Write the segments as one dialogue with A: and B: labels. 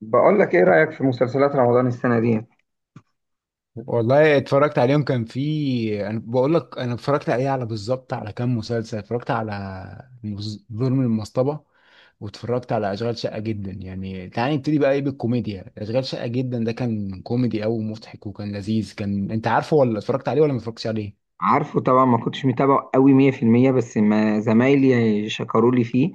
A: بقول لك ايه رأيك في مسلسلات رمضان السنة دي؟
B: والله اتفرجت عليهم، كان في انا بقول لك اتفرجت عليه بالظبط على كام مسلسل. اتفرجت على ظلم المصطبه، واتفرجت على اشغال شقه جدا. يعني تعالى نبتدي بقى ايه، بالكوميديا اشغال شقه جدا. ده كان كوميدي قوي ومضحك وكان لذيذ. كان انت عارفه ولا اتفرجت عليه ولا ما اتفرجتش عليه؟
A: عارفه طبعا، ما كنتش متابعه قوي 100%، بس ما زمايلي شكروا لي فيه.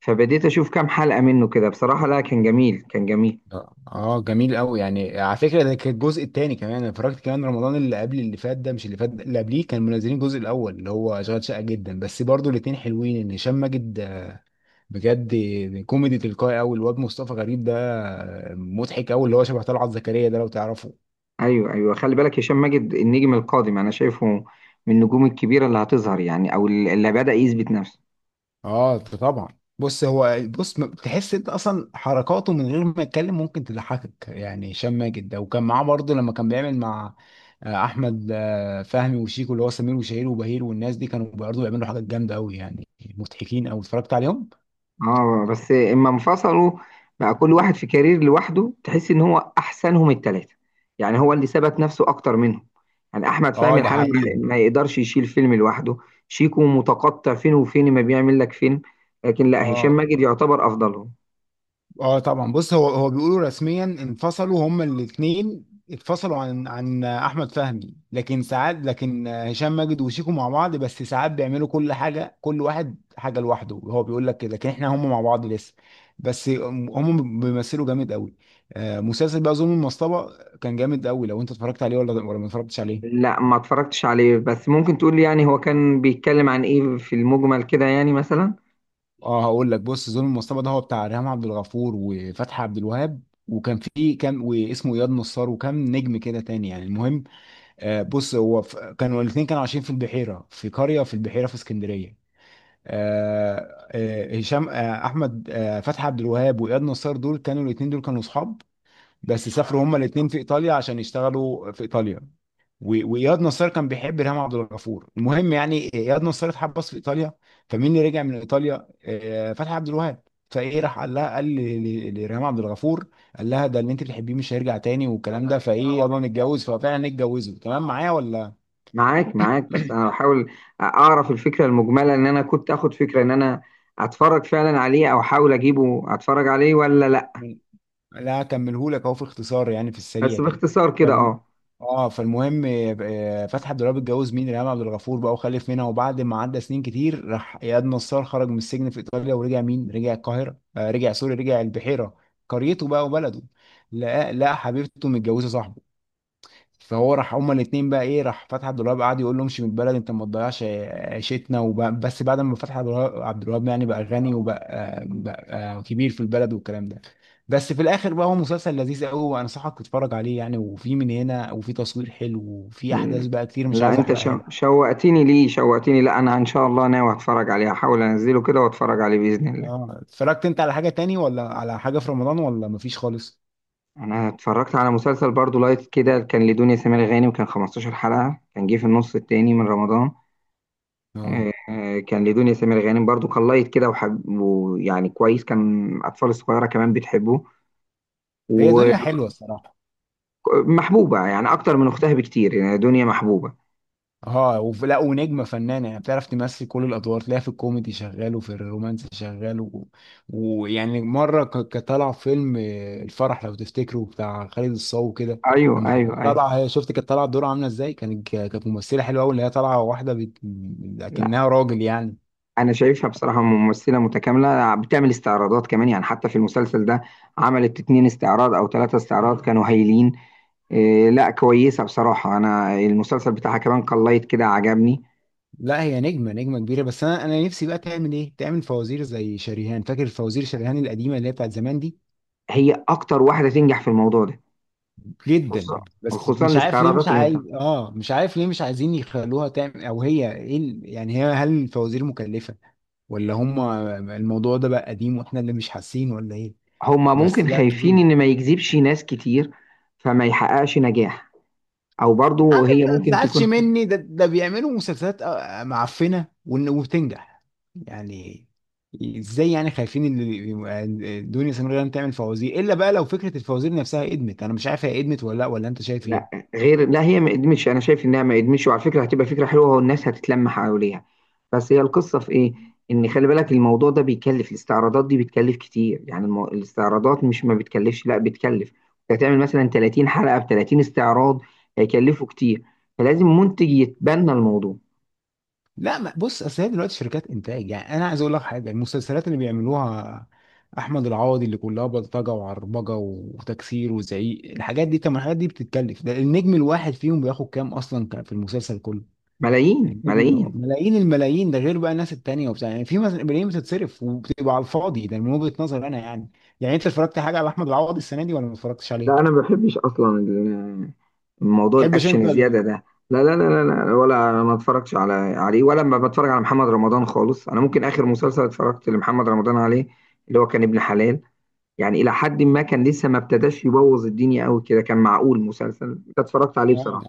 A: فبديت اشوف كام حلقة منه كده. بصراحة، لا، كان جميل، كان جميل.
B: لا، اه جميل قوي. يعني على فكره ده كان الجزء الثاني كمان. انا اتفرجت كمان رمضان اللي قبل اللي فات ده، مش اللي فات ده، اللي قبليه، كان منزلين الجزء الاول اللي هو اشغال شقه جدا، بس برضو الاثنين حلوين. ان هشام ماجد، بجد، كوميدي تلقائي قوي. الواد مصطفى غريب ده مضحك قوي، اللي هو شبه طلعت زكريا ده لو تعرفه.
A: ايوه ايوه، خلي بالك، هشام ماجد النجم القادم انا شايفه، من النجوم الكبيرة اللي هتظهر، يعني او اللي بدأ يثبت نفسه.
B: اه طبعا. بص هو بص م- تحس انت اصلا حركاته من غير ما يتكلم ممكن تضحكك، يعني هشام ماجد ده. وكان معاه برضه لما كان بيعمل مع احمد فهمي وشيكو، اللي هو سمير وشهير وبهير، والناس دي كانوا برضه بيعملوا حاجات جامده قوي، يعني مضحكين. او اتفرجت عليهم؟
A: اه، بس اما انفصلوا، بقى كل واحد في كارير لوحده، تحس ان هو احسنهم التلاتة، يعني هو اللي ثبت نفسه اكتر منهم. يعني احمد
B: اه
A: فهمي
B: ده
A: الحالة
B: حقيقي.
A: ما يقدرش يشيل فيلم لوحده. شيكو متقطع فين وفين، ما بيعمل لك فيلم. لكن لا، هشام
B: اه
A: ماجد يعتبر افضلهم.
B: اه طبعا. بص هو بيقولوا رسميا انفصلوا هما الاثنين، اتفصلوا عن احمد فهمي، لكن ساعات، لكن هشام ماجد وشيكو مع بعض، بس ساعات بيعملوا كل حاجه، كل واحد حاجه لوحده. هو بيقول لك كده، لكن احنا هما مع بعض لسه. بس هم بيمثلوا جامد قوي. مسلسل بقى ظلم المصطبه كان جامد قوي. لو انت اتفرجت عليه ولا ما اتفرجتش عليه؟
A: لا، ما اتفرجتش عليه، بس ممكن تقول لي يعني هو كان بيتكلم عن ايه في المجمل كده، يعني مثلا.
B: اه هقول لك. بص ظلم المصطبه ده هو بتاع ريهام عبد الغفور وفتحي عبد الوهاب، وكان فيه كام، واسمه اياد نصار، وكام نجم كده تاني يعني. المهم، بص هو كانوا الاثنين كانوا عايشين في البحيره، في قريه في البحيره في اسكندريه. آه، آه، هشام آه، احمد آه، فتحي عبد الوهاب واياد نصار دول كانوا الاثنين، دول كانوا اصحاب. بس سافروا هما الاثنين في ايطاليا عشان يشتغلوا في ايطاليا. واياد نصار كان بيحب ريهام عبد الغفور. المهم يعني اياد نصار اتحبس في ايطاليا. فمين اللي رجع من ايطاليا؟ فتحي عبد الوهاب. فايه راح قال لها، قال لريهام عبد الغفور. قال لها ده اللي انت بتحبيه مش هيرجع تاني والكلام ده، فايه يلا نتجوز. ففعلا اتجوزوا. تمام، معايا ولا؟
A: معاك معاك، بس انا بحاول اعرف الفكره المجمله، ان انا كنت اخد فكره ان انا اتفرج فعلا عليه، او احاول اجيبه اتفرج عليه ولا لا.
B: من- لا اكملهولك اهو في اختصار، يعني في السريع
A: بس
B: كده.
A: باختصار كده،
B: فالم...
A: اه.
B: اه فالمهم، فتحي عبد الوهاب اتجوز مين؟ ريهام عبد الغفور بقى، وخلف منها. وبعد ما عدى سنين كتير، راح اياد نصار خرج من السجن في ايطاليا، ورجع مين؟ رجع القاهره، آه رجع سوري، رجع البحيره، قريته بقى وبلده. لقى حبيبته متجوزه صاحبه. فهو راح، هما الاتنين بقى، ايه راح فتحي عبد الوهاب قعد يقول له امشي من البلد، انت ما تضيعش عيشتنا. بس بعد ما فتحي عبد الوهاب يعني بقى غني، بقى كبير في البلد والكلام ده. بس في الاخر بقى هو مسلسل لذيذ قوي، وانصحك تتفرج عليه يعني. وفي من هنا، وفي تصوير حلو، وفي
A: م-
B: احداث بقى كتير مش
A: لا،
B: عايز
A: انت
B: احرقها لك.
A: شوقتني، ليه شوقتني؟ لا، انا ان شاء الله ناوي اتفرج عليه، هحاول انزله كده واتفرج عليه باذن الله.
B: اه، اتفرجت انت على حاجة تاني ولا على حاجة في رمضان، ولا مفيش خالص؟
A: انا اتفرجت على مسلسل برضو لايت كده، كان لدنيا سمير غانم، كان 15 حلقه، كان جه في النص التاني من رمضان.
B: اه،
A: كان لدنيا سمير غانم برضو، كان لايت كده، وحب ويعني كويس، كان الاطفال الصغيره كمان بتحبه.
B: هي دنيا حلوة الصراحة.
A: ومحبوبة يعني أكتر من أختها بكتير، يعني دنيا محبوبة.
B: لا، ونجمه فنانه يعني، بتعرف تمثل كل الادوار. تلاقيها في الكوميدي شغال، وفي الرومانسي شغال ويعني مره كانت طالعه في فيلم الفرح، لو تفتكروا، بتاع خالد الصاوي كده.
A: ايوه
B: لما
A: ايوه
B: كانت
A: ايوه.
B: طالعه هي، شفت كانت طالعه الدور عامله ازاي؟ كانت كانت ممثله حلوه قوي، اللي هي طالعه واحده
A: لا،
B: لكنها راجل يعني.
A: أنا شايفها بصراحة ممثلة متكاملة، بتعمل استعراضات كمان يعني، حتى في المسلسل ده عملت اتنين استعراض أو ثلاثة استعراض كانوا هايلين. إيه، لا، كويسة بصراحة، أنا المسلسل بتاعها كمان قليت كده عجبني.
B: لا هي نجمه، نجمه كبيره. بس انا نفسي بقى تعمل ايه، تعمل فوازير زي شريهان. فاكر فوازير شريهان القديمه اللي هي بتاعت زمان دي؟
A: هي أكتر واحدة تنجح في الموضوع ده.
B: جدا.
A: خصوصا،
B: بس
A: خصوصا
B: مش عارف ليه
A: الاستعراضات
B: مش
A: اللي هي
B: عايز،
A: بتعملها.
B: اه مش عارف ليه مش عايزين يخلوها تعمل، او هي ايه ال- يعني هي هل الفوازير مكلفة؟ ولا هم الموضوع ده بقى قديم واحنا اللي مش حاسين، ولا ايه؟
A: هما
B: بس
A: ممكن
B: لا
A: خايفين
B: لذيذ.
A: إن ما يجذبش ناس كتير، فما يحققش نجاح، أو
B: يا عم
A: برضو هي
B: ما
A: ممكن
B: تزعلش
A: تكون.
B: مني، ده بيعملوا مسلسلات معفنة وبتنجح يعني. ازاي يعني خايفين ان دنيا سمير غانم تعمل فوازير؟ الا بقى، لو فكرة الفوازير نفسها ادمت، انا مش عارف هي ادمت ولا لا، ولا انت شايف
A: لا،
B: ايه؟
A: غير، لا هي ما قدمتش، انا شايف انها ما قدمتش، وعلى فكره هتبقى فكره حلوه والناس هتتلم حواليها. بس هي القصه في ايه، ان خلي بالك الموضوع ده بيكلف، الاستعراضات دي بتكلف كتير يعني، الاستعراضات مش ما بتكلفش، لا بتكلف. انت هتعمل مثلا 30 حلقه ب 30 استعراض، هيكلفوا كتير، فلازم منتج يتبنى الموضوع.
B: لا ما بص، اصل هي دلوقتي شركات انتاج، يعني انا عايز اقول لك حاجه. المسلسلات اللي بيعملوها احمد العوضي اللي كلها بلطجه وعربجه وتكسير وزعيق، الحاجات دي طب ما الحاجات دي بتتكلف. ده النجم الواحد فيهم بياخد كام اصلا كان في المسلسل كله؟
A: ملايين ملايين.
B: ملايين الملايين، ده غير بقى الناس التانيه وبتاع. يعني في ملايين بتتصرف وبتبقى على الفاضي، ده من وجهه نظري انا يعني. يعني انت اتفرجت حاجه على احمد العوضي السنه دي ولا ما اتفرجتش
A: لا،
B: عليه؟
A: انا ما بحبش اصلا الموضوع
B: تحبش
A: الاكشن
B: انت
A: الزياده
B: ال...
A: ده. لا لا لا لا لا، ولا ما اتفرجش على عليه، ولا ما بتفرج على محمد رمضان خالص. انا ممكن اخر مسلسل اتفرجت لمحمد رمضان عليه، اللي هو كان ابن حلال، يعني الى حد ما كان لسه ما ابتداش يبوظ الدنيا قوي كده، كان معقول مسلسل ده، اتفرجت عليه
B: آه.
A: بصراحه.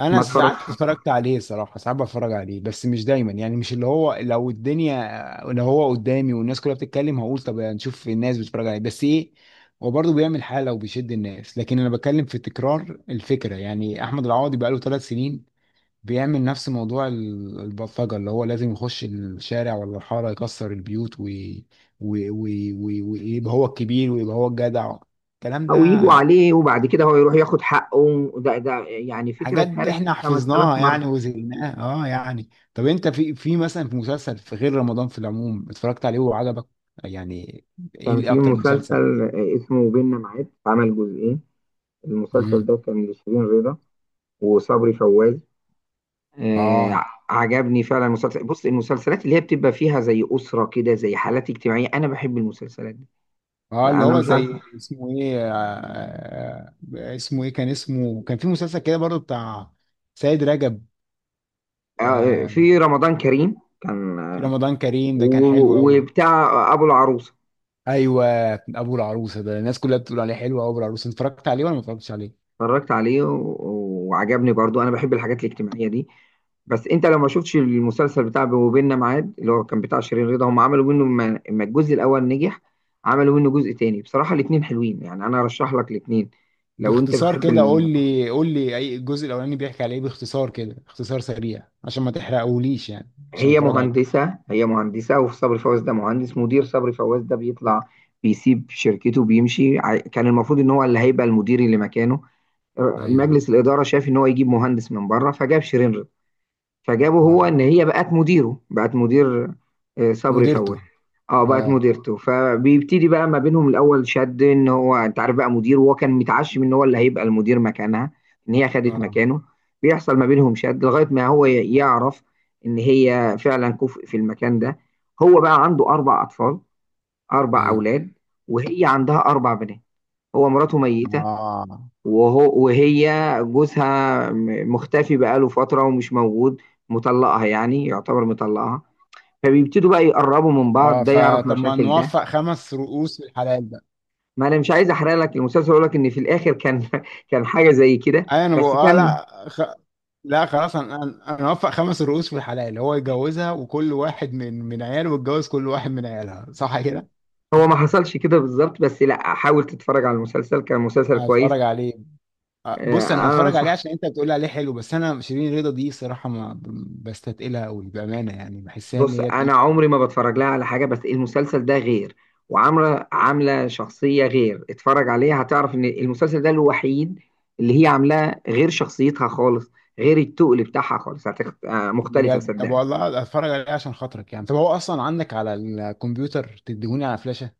B: انا
A: ما
B: ساعات
A: اتفرجتش عليه.
B: اتفرجت عليه صراحه، ساعات بتفرج عليه بس مش دايما، يعني مش اللي هو لو الدنيا، لو هو قدامي والناس كلها بتتكلم هقول طب يعني نشوف الناس بتتفرج عليه. بس ايه، هو برضه بيعمل حاله وبيشد الناس، لكن انا بتكلم في تكرار الفكره. يعني احمد العوضي بقاله 3 سنين بيعمل نفس موضوع البلطجه، اللي هو لازم يخش الشارع ولا الحاره يكسر البيوت ويبقى هو الكبير ويبقى هو الجدع، الكلام
A: او يجوا
B: ده.
A: عليه وبعد كده هو يروح ياخد حقه، ده يعني فكره
B: حاجات دي
A: اتهرست
B: احنا
A: 5000
B: حفظناها يعني
A: مره.
B: وزهقناها. اه يعني طب انت في في مثلا في مسلسل في غير رمضان في العموم اتفرجت عليه وعجبك يعني، ايه
A: كان
B: اللي
A: في
B: اكتر مسلسل؟
A: مسلسل اسمه بيننا معاد، عمل جزئين. المسلسل
B: امم.
A: ده كان لشيرين رضا وصبري فوازي. آه،
B: اه
A: عجبني فعلا المسلسل. بص المسلسلات اللي هي بتبقى فيها زي أسرة كده، زي حالات اجتماعية، أنا بحب المسلسلات دي.
B: اه اللي
A: فأنا
B: هو
A: مش عارف.
B: زي اسمه ايه، اسمه ايه كان اسمه؟ كان في مسلسل كده برضو بتاع سيد رجب. آه،
A: في رمضان كريم، كان.
B: في رمضان كريم ده كان حلو قوي.
A: وبتاع أبو العروسة.
B: ايوه، ابو العروسه ده الناس كلها بتقول عليه حلو قوي. ابو العروسه اتفرجت عليه ولا ما اتفرجتش عليه؟
A: اتفرجت عليه وعجبني برضو، أنا بحب الحاجات الاجتماعية دي. بس أنت لو ما شفتش المسلسل بتاع وبيننا ميعاد اللي هو كان بتاع شيرين رضا، هم عملوا منه ما الجزء الأول نجح، عملوا منه جزء تاني، بصراحة الاتنين حلوين يعني، أنا أرشح لك الاتنين. لو أنت
B: باختصار
A: بتحب
B: كده قول
A: ال...
B: لي، اي الجزء الاولاني بيحكي على ايه؟ باختصار كده، اختصار سريع عشان ما تحرقهوليش يعني، عشان
A: هي
B: اتفرج عليه.
A: مهندسة هي مهندسة وفي صبري فواز ده مهندس مدير. صبري فواز ده بيطلع بيسيب شركته بيمشي، كان المفروض ان هو اللي هيبقى المدير اللي مكانه.
B: ايوه.
A: مجلس الإدارة شاف ان هو يجيب مهندس من بره، فجاب شيرين. فجابه
B: اه.
A: هو ان هي بقت مديره، بقت مدير، صبري
B: مديرته.
A: فواه، اه، بقت
B: اه
A: مديرته. فبيبتدي بقى ما بينهم الاول شد، ان هو انت عارف بقى مدير، وهو كان متعشم ان هو اللي هيبقى المدير مكانها، ان هي خدت
B: اه
A: مكانه. بيحصل ما بينهم شد لغايه ما هو يعرف ان هي فعلا كفء في المكان ده. هو بقى عنده اربع اطفال، اربع
B: ايوه
A: اولاد، وهي عندها اربع بنات. هو مراته ميته،
B: اه
A: وهو وهي جوزها مختفي بقاله فترة ومش موجود، مطلقها، يعني يعتبر مطلقها. فبيبتدوا بقى يقربوا من
B: اه.
A: بعض، ده يعرف
B: فطب ما
A: مشاكل ده.
B: نوفق خمس رؤوس في الحلال بقى.
A: ما انا مش عايز احرق لك المسلسل، اقول لك ان في الاخر كان كان حاجة زي كده.
B: ايوه انا بقول
A: بس
B: اه.
A: كان
B: لا خلاص، انا انا أنا اوفق خمس رؤوس في الحلال. هو يتجوزها وكل واحد من عياله يتجوز كل واحد من عيالها، صح كده.
A: هو ما حصلش كده بالظبط. بس لا، حاول تتفرج على المسلسل، كان مسلسل كويس.
B: هتفرج عليه. بص انا
A: آه، انا
B: هتفرج عليه
A: انصح.
B: عشان انت بتقول عليه حلو، بس انا شيرين رضا دي صراحه ما ب- بستثقلها قوي بامانه، يعني بحسها ان
A: بص،
B: هي
A: انا
B: تقيله.
A: عمري ما بتفرج لها على حاجه، بس المسلسل ده غير، وعامله عامله شخصيه غير. اتفرج عليها، هتعرف ان المسلسل ده الوحيد اللي هي عاملاه غير شخصيتها خالص، غير التقل بتاعها خالص. مختلفه،
B: بجد طب
A: صدقني.
B: والله هتفرج عليه عشان خاطرك يعني. طب هو اصلا عندك على الكمبيوتر تديهوني على فلاشه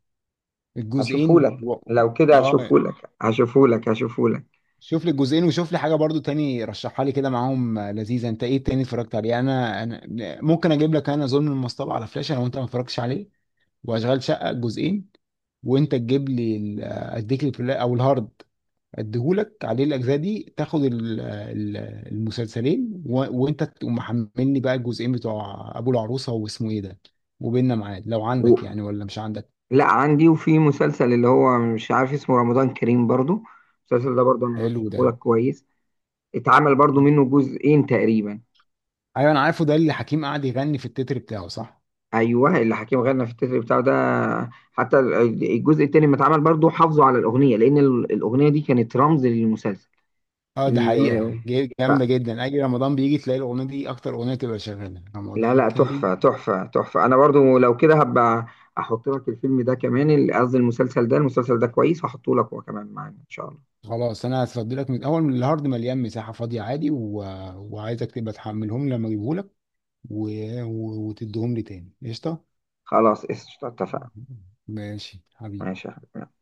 B: الجزئين
A: هشوفهولك، لو كده
B: اه.
A: هشوفهولك، هشوفهولك هشوفهولك.
B: شوف لي الجزئين، وشوف لي حاجه برضو تاني رشحها لي كده معاهم لذيذه. انت ايه تاني اتفرجت عليه؟ انا ممكن اجيب لك انا ظلم المصطبه على فلاشه لو انت ما اتفرجتش عليه، واشغال شقه جزئين، وانت تجيب لي اديك البلاي او الهارد اديهولك عليه الاجزاء دي، تاخد المسلسلين وانت تقوم محملني بقى الجزئين بتوع ابو العروسه، واسمه ايه ده، وبيننا ميعاد، لو
A: و...
B: عندك يعني ولا مش عندك.
A: لا عندي. وفي مسلسل اللي هو مش عارف اسمه، رمضان كريم برضو، المسلسل ده برضو انا
B: حلو ده.
A: هشوفهولك كويس. اتعمل برضو منه جزئين تقريبا.
B: ايوه انا عارفه، ده اللي حكيم قعد يغني في التتر بتاعه، صح؟
A: ايوه، اللي حكيم غنى في التتر بتاعه ده، حتى الجزء التاني لما اتعمل برضه حافظوا على الاغنيه، لان الاغنيه دي كانت رمز للمسلسل.
B: اه ده حقيقه،
A: ال- ف-
B: جامده جدا. اي رمضان بيجي تلاقي الاغنيه دي اكتر اغنيه تبقى شغاله،
A: لا
B: رمضان
A: لا،
B: كريم.
A: تحفه تحفه تحفه. انا برضه لو كده هبقى احط لك الفيلم ده كمان، قصدي المسلسل ده، المسلسل ده كويس، هحطه لك هو كمان معانا ان شاء الله.
B: خلاص انا هفضي لك من الاول، من الهارد مليان مساحه فاضيه عادي، وعايزك تبقى تحملهم لما اجيبهولك، و... وتديهم لي تاني، قشطه.
A: خلاص، قشطة، اتفقنا.
B: ماشي حبيبي.
A: ماشي يا حبيبي.